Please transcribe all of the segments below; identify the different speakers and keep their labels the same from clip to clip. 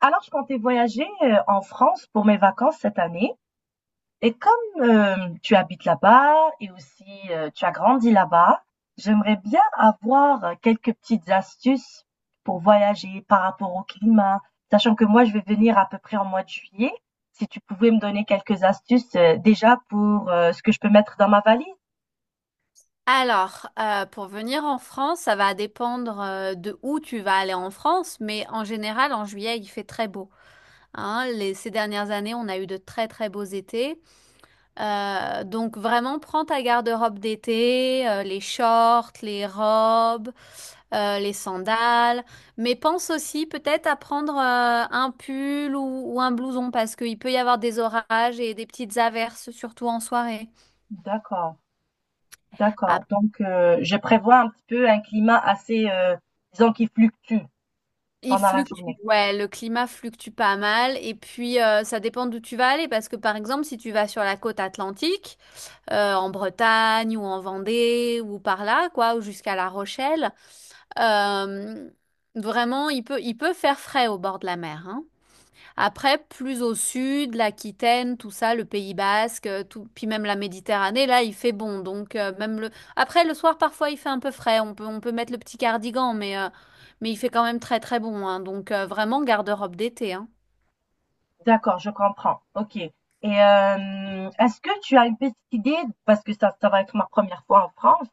Speaker 1: Alors, je comptais voyager en France pour mes vacances cette année. Et comme tu habites là-bas et aussi tu as grandi là-bas, j'aimerais bien avoir quelques petites astuces pour voyager par rapport au climat, sachant que moi, je vais venir à peu près en mois de juillet. Si tu pouvais me donner quelques astuces déjà pour ce que je peux mettre dans ma valise.
Speaker 2: Alors, pour venir en France, ça va dépendre de où tu vas aller en France, mais en général, en juillet, il fait très beau, hein. Ces dernières années, on a eu de très très beaux étés. Donc vraiment, prends ta garde-robe d'été, les shorts, les robes, les sandales, mais pense aussi peut-être à prendre un pull ou un blouson parce qu'il peut y avoir des orages et des petites averses, surtout en soirée.
Speaker 1: D'accord, d'accord. Donc, je prévois un petit peu un climat assez, disons, qui fluctue
Speaker 2: Il
Speaker 1: pendant la
Speaker 2: fluctue,
Speaker 1: journée.
Speaker 2: ouais, le climat fluctue pas mal et puis ça dépend d'où tu vas aller parce que par exemple si tu vas sur la côte atlantique, en Bretagne ou en Vendée ou par là quoi, ou jusqu'à La Rochelle, euh, vraiment il peut faire frais au bord de la mer, hein. Après, plus au sud, l'Aquitaine, tout ça, le Pays Basque, tout, puis même la Méditerranée, là, il fait bon. Donc même le après le soir, parfois, il fait un peu frais. On peut mettre le petit cardigan, mais il fait quand même très très bon, hein. Donc vraiment garde-robe d'été, hein.
Speaker 1: D'accord, je comprends. OK. Et est-ce que tu as une petite idée, parce que ça va être ma première fois en France,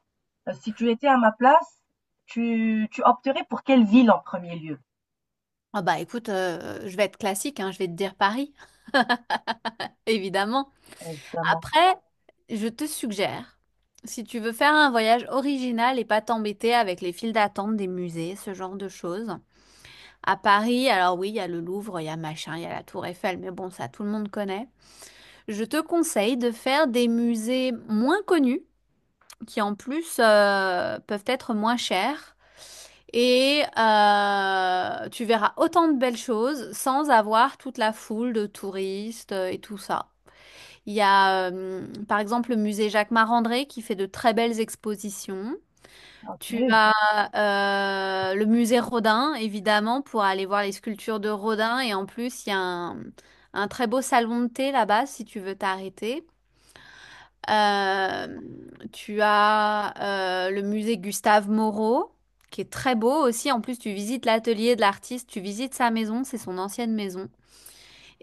Speaker 1: si tu étais à ma place, tu opterais pour quelle ville en premier lieu?
Speaker 2: Ah bah écoute, je vais être classique, hein, je vais te dire Paris, évidemment.
Speaker 1: Évidemment.
Speaker 2: Après, je te suggère, si tu veux faire un voyage original et pas t'embêter avec les files d'attente des musées, ce genre de choses. À Paris, alors oui, il y a le Louvre, il y a machin, il y a la Tour Eiffel, mais bon, ça tout le monde connaît. Je te conseille de faire des musées moins connus, qui en plus peuvent être moins chers, et tu verras autant de belles choses sans avoir toute la foule de touristes et tout ça. Il y a par exemple le musée Jacques Marandré qui fait de très belles expositions. Tu
Speaker 1: OK.
Speaker 2: as le musée Rodin, évidemment, pour aller voir les sculptures de Rodin. Et en plus, il y a un très beau salon de thé là-bas, si tu veux t'arrêter. Euh, tu as le musée Gustave Moreau, qui est très beau aussi. En plus, tu visites l'atelier de l'artiste, tu visites sa maison, c'est son ancienne maison.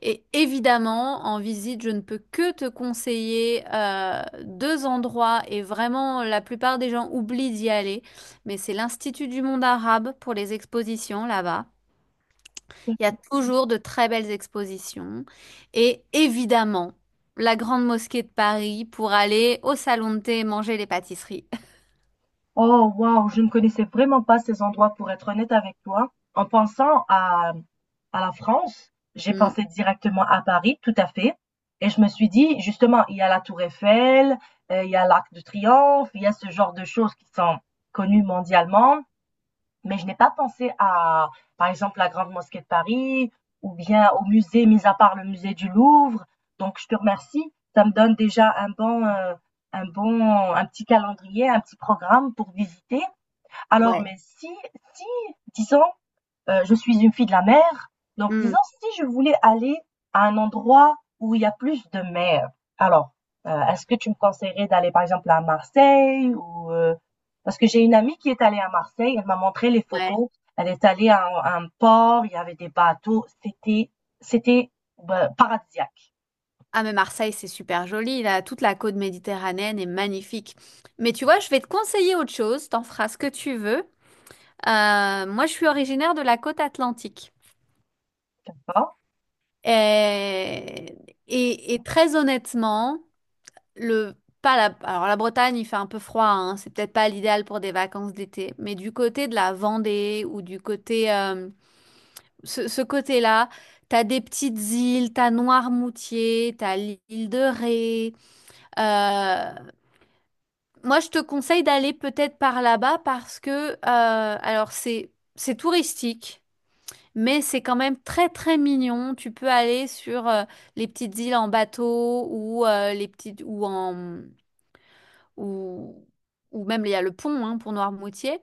Speaker 2: Et évidemment, en visite, je ne peux que te conseiller deux endroits et vraiment la plupart des gens oublient d'y aller. Mais c'est l'Institut du monde arabe pour les expositions là-bas. Il y a toujours de très belles expositions. Et évidemment, la Grande Mosquée de Paris pour aller au salon de thé et manger les pâtisseries.
Speaker 1: Oh waouh, je ne connaissais vraiment pas ces endroits pour être honnête avec toi. En pensant à la France, j'ai
Speaker 2: Mm,
Speaker 1: pensé directement à Paris, tout à fait. Et je me suis dit, justement, il y a la Tour Eiffel, il y a l'Arc de Triomphe, il y a ce genre de choses qui sont connues mondialement. Mais je n'ai pas pensé à, par exemple, la Grande Mosquée de Paris ou bien au musée, mis à part le musée du Louvre. Donc, je te remercie. Ça me donne déjà un bon, un bon, un petit calendrier, un petit programme pour visiter. Alors,
Speaker 2: ouais.
Speaker 1: mais si, si, disons, je suis une fille de la mer. Donc,
Speaker 2: Mm,
Speaker 1: disons, si je voulais aller à un endroit où il y a plus de mer, alors, est-ce que tu me conseillerais d'aller, par exemple, à Marseille ou parce que j'ai une amie qui est allée à Marseille, elle m'a montré les
Speaker 2: ouais.
Speaker 1: photos. Elle est allée à un port, il y avait des bateaux, c'était bah, paradisiaque.
Speaker 2: Ah mais Marseille, c'est super joli, là, toute la côte méditerranéenne est magnifique. Mais tu vois, je vais te conseiller autre chose, t'en feras ce que tu veux. Moi, je suis originaire de la côte atlantique.
Speaker 1: D'accord?
Speaker 2: Et, et très honnêtement, le, pas la, alors la Bretagne, il fait un peu froid, hein, c'est peut-être pas l'idéal pour des vacances d'été, mais du côté de la Vendée ou du côté, euh, ce côté-là, t'as des petites îles, t'as Noirmoutier, t'as l'île de Ré. Euh, Moi, je te conseille d'aller peut-être par là-bas parce que, alors c'est touristique, mais c'est quand même très très mignon. Tu peux aller sur les petites îles en bateau ou les petites ou en ou ou même il y a le pont hein, pour Noirmoutier.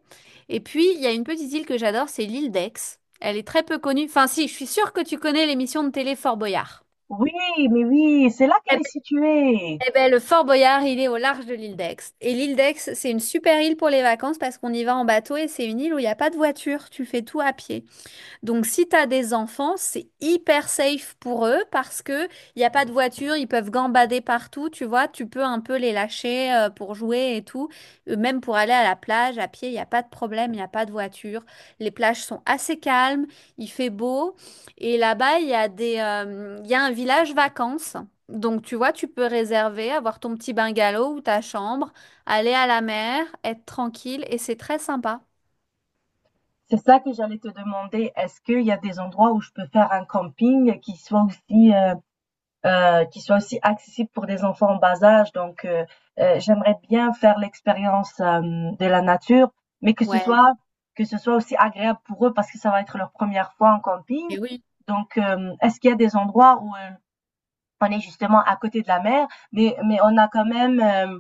Speaker 2: Et puis il y a une petite île que j'adore, c'est l'île d'Aix. Elle est très peu connue. Enfin, si, je suis sûre que tu connais l'émission de télé Fort Boyard.
Speaker 1: Oui, mais oui, c'est là
Speaker 2: Eh
Speaker 1: qu'elle est située.
Speaker 2: Eh ben, le Fort Boyard, il est au large de l'île d'Aix. Et l'île d'Aix, c'est une super île pour les vacances parce qu'on y va en bateau et c'est une île où il n'y a pas de voiture. Tu fais tout à pied. Donc, si tu as des enfants, c'est hyper safe pour eux parce que il n'y a pas de voiture, ils peuvent gambader partout, tu vois, tu peux un peu les lâcher pour jouer et tout. Même pour aller à la plage, à pied, il n'y a pas de problème, il n'y a pas de voiture. Les plages sont assez calmes, il fait beau. Et là-bas, il y a un village vacances. Donc, tu vois, tu peux réserver, avoir ton petit bungalow ou ta chambre, aller à la mer, être tranquille et c'est très sympa.
Speaker 1: C'est ça que j'allais te demander. Est-ce qu'il y a des endroits où je peux faire un camping qui soit aussi accessible pour des enfants en bas âge. Donc, j'aimerais bien faire l'expérience de la nature, mais que ce
Speaker 2: Ouais.
Speaker 1: soit que ce soit aussi agréable pour eux parce que ça va être leur première fois en camping.
Speaker 2: Et oui.
Speaker 1: Donc, est-ce qu'il y a des endroits où on est justement à côté de la mer, mais on a quand même euh,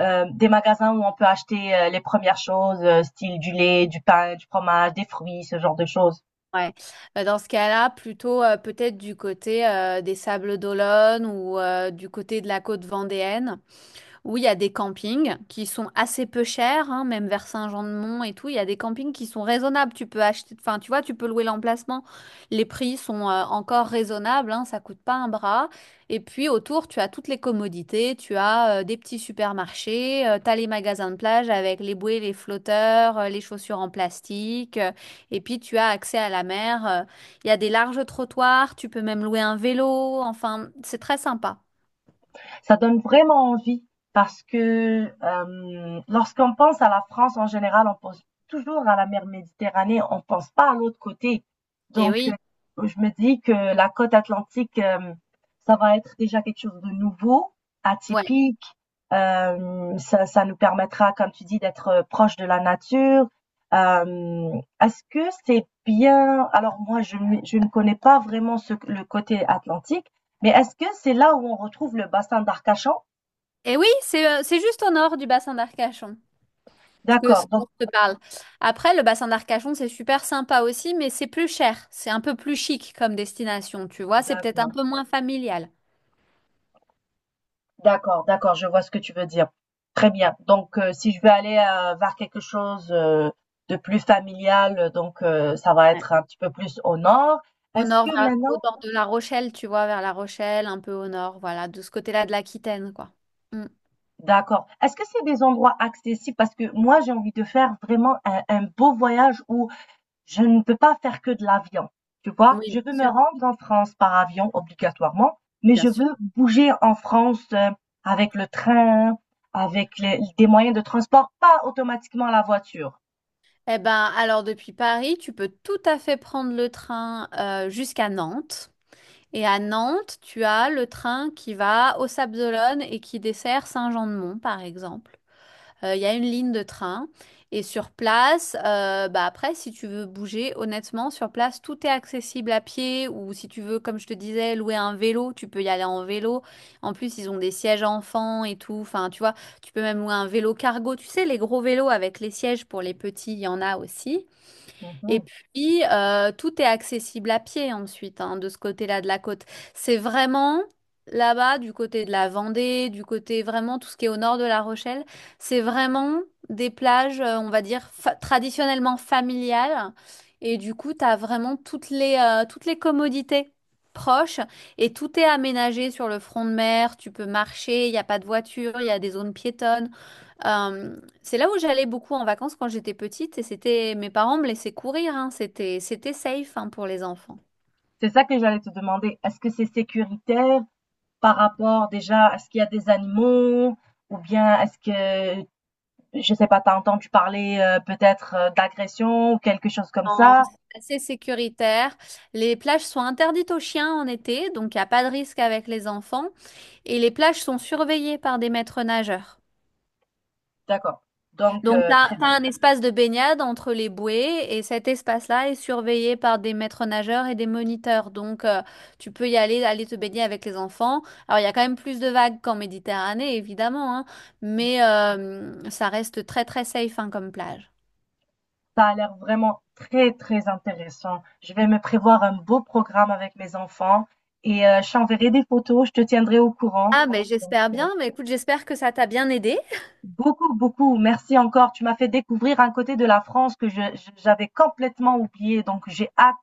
Speaker 1: euh, des magasins où on peut acheter les premières choses, style du lait, du pain, du fromage, des fruits, ce genre de choses.
Speaker 2: Ouais. Bah, dans ce cas-là, plutôt peut-être du côté des Sables d'Olonne ou du côté de la côte vendéenne. Oui, il y a des campings qui sont assez peu chers, hein, même vers Saint-Jean-de-Mont et tout. Il y a des campings qui sont raisonnables. Tu peux acheter, enfin, tu vois, tu peux louer l'emplacement. Les prix sont encore raisonnables, hein, ça coûte pas un bras. Et puis autour, tu as toutes les commodités. Tu as des petits supermarchés, tu as les magasins de plage avec les bouées, les flotteurs, les chaussures en plastique, et puis tu as accès à la mer. Il y a des larges trottoirs. Tu peux même louer un vélo. Enfin, c'est très sympa.
Speaker 1: Ça donne vraiment envie parce que lorsqu'on pense à la France en général, on pense toujours à la mer Méditerranée, on pense pas à l'autre côté.
Speaker 2: Et
Speaker 1: Donc,
Speaker 2: oui.
Speaker 1: je me dis que la côte atlantique, ça va être déjà quelque chose de nouveau,
Speaker 2: Ouais.
Speaker 1: atypique. Ça, ça nous permettra, comme tu dis, d'être proche de la nature. Euh, est-ce que c'est bien? Alors moi, je ne connais pas vraiment le côté atlantique, mais est-ce que c'est là où on retrouve le bassin d'Arcachon?
Speaker 2: Et oui, c'est juste au nord du bassin d'Arcachon, ce que ce
Speaker 1: D'accord, donc
Speaker 2: dont je te parle. Après, le bassin d'Arcachon, c'est super sympa aussi, mais c'est plus cher. C'est un peu plus chic comme destination, tu vois. C'est peut-être un
Speaker 1: d'accord,
Speaker 2: peu moins familial.
Speaker 1: d'accord, d'accord, je vois ce que tu veux dire. Très bien. Donc, si je veux aller vers quelque chose de plus familial, donc ça va
Speaker 2: Ouais.
Speaker 1: être un petit peu plus au nord.
Speaker 2: Au
Speaker 1: Est-ce
Speaker 2: nord,
Speaker 1: que maintenant,
Speaker 2: au nord de La Rochelle, tu vois, vers La Rochelle, un peu au nord, voilà, de ce côté-là de l'Aquitaine, quoi. Mm.
Speaker 1: d'accord, est-ce que c'est des endroits accessibles? Parce que moi, j'ai envie de faire vraiment un beau voyage où je ne peux pas faire que de l'avion, tu
Speaker 2: Oui,
Speaker 1: vois?
Speaker 2: bien
Speaker 1: Je veux me
Speaker 2: sûr,
Speaker 1: rendre en France par avion obligatoirement, mais
Speaker 2: bien
Speaker 1: je
Speaker 2: sûr.
Speaker 1: veux bouger en France avec le train, avec des moyens de transport, pas automatiquement la voiture.
Speaker 2: Eh ben, alors depuis Paris, tu peux tout à fait prendre le train jusqu'à Nantes. Et à Nantes, tu as le train qui va aux Sables-d'Olonne et qui dessert Saint-Jean-de-Mont, par exemple. Il y a une ligne de train. Et sur place, bah après, si tu veux bouger, honnêtement, sur place, tout est accessible à pied. Ou si tu veux, comme je te disais, louer un vélo, tu peux y aller en vélo. En plus, ils ont des sièges enfants et tout. Enfin, tu vois, tu peux même louer un vélo cargo. Tu sais, les gros vélos avec les sièges pour les petits, il y en a aussi. Et
Speaker 1: Mhm.
Speaker 2: puis, tout est accessible à pied ensuite, hein, de ce côté-là de la côte. C'est vraiment là-bas, du côté de la Vendée, du côté vraiment tout ce qui est au nord de La Rochelle, c'est vraiment des plages, on va dire, traditionnellement familiales. Et du coup, tu as vraiment toutes les commodités proches et tout est aménagé sur le front de mer. Tu peux marcher, il n'y a pas de voiture, il y a des zones piétonnes. Euh, c'est là où j'allais beaucoup en vacances quand j'étais petite et c'était mes parents me laissaient courir, hein. C'était safe hein, pour les enfants.
Speaker 1: C'est ça que j'allais te demander. Est-ce que c'est sécuritaire? Par rapport déjà à ce qu'il y a des animaux ou bien est-ce que, je sais pas, tu as entendu parler, peut-être, d'agression ou quelque chose comme
Speaker 2: Non,
Speaker 1: ça?
Speaker 2: c'est assez sécuritaire. Les plages sont interdites aux chiens en été, donc il n'y a pas de risque avec les enfants. Et les plages sont surveillées par des maîtres nageurs.
Speaker 1: D'accord, donc
Speaker 2: Donc, tu as
Speaker 1: très bien.
Speaker 2: un espace de baignade entre les bouées et cet espace-là est surveillé par des maîtres nageurs et des moniteurs. Donc, tu peux y aller, aller te baigner avec les enfants. Alors, il y a quand même plus de vagues qu'en Méditerranée, évidemment, hein, ça reste très, très safe hein, comme plage.
Speaker 1: Ça a l'air vraiment très, très intéressant. Je vais me prévoir un beau programme avec mes enfants et je t'enverrai des photos, je te tiendrai au courant.
Speaker 2: Ah, mais
Speaker 1: Donc
Speaker 2: j'espère bien. Mais écoute, j'espère que ça t'a bien aidé.
Speaker 1: beaucoup, beaucoup, merci encore. Tu m'as fait découvrir un côté de la France que je j'avais complètement oublié, donc j'ai hâte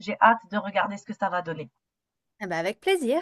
Speaker 1: j'ai hâte de regarder ce que ça va donner.
Speaker 2: Ah ben, avec plaisir.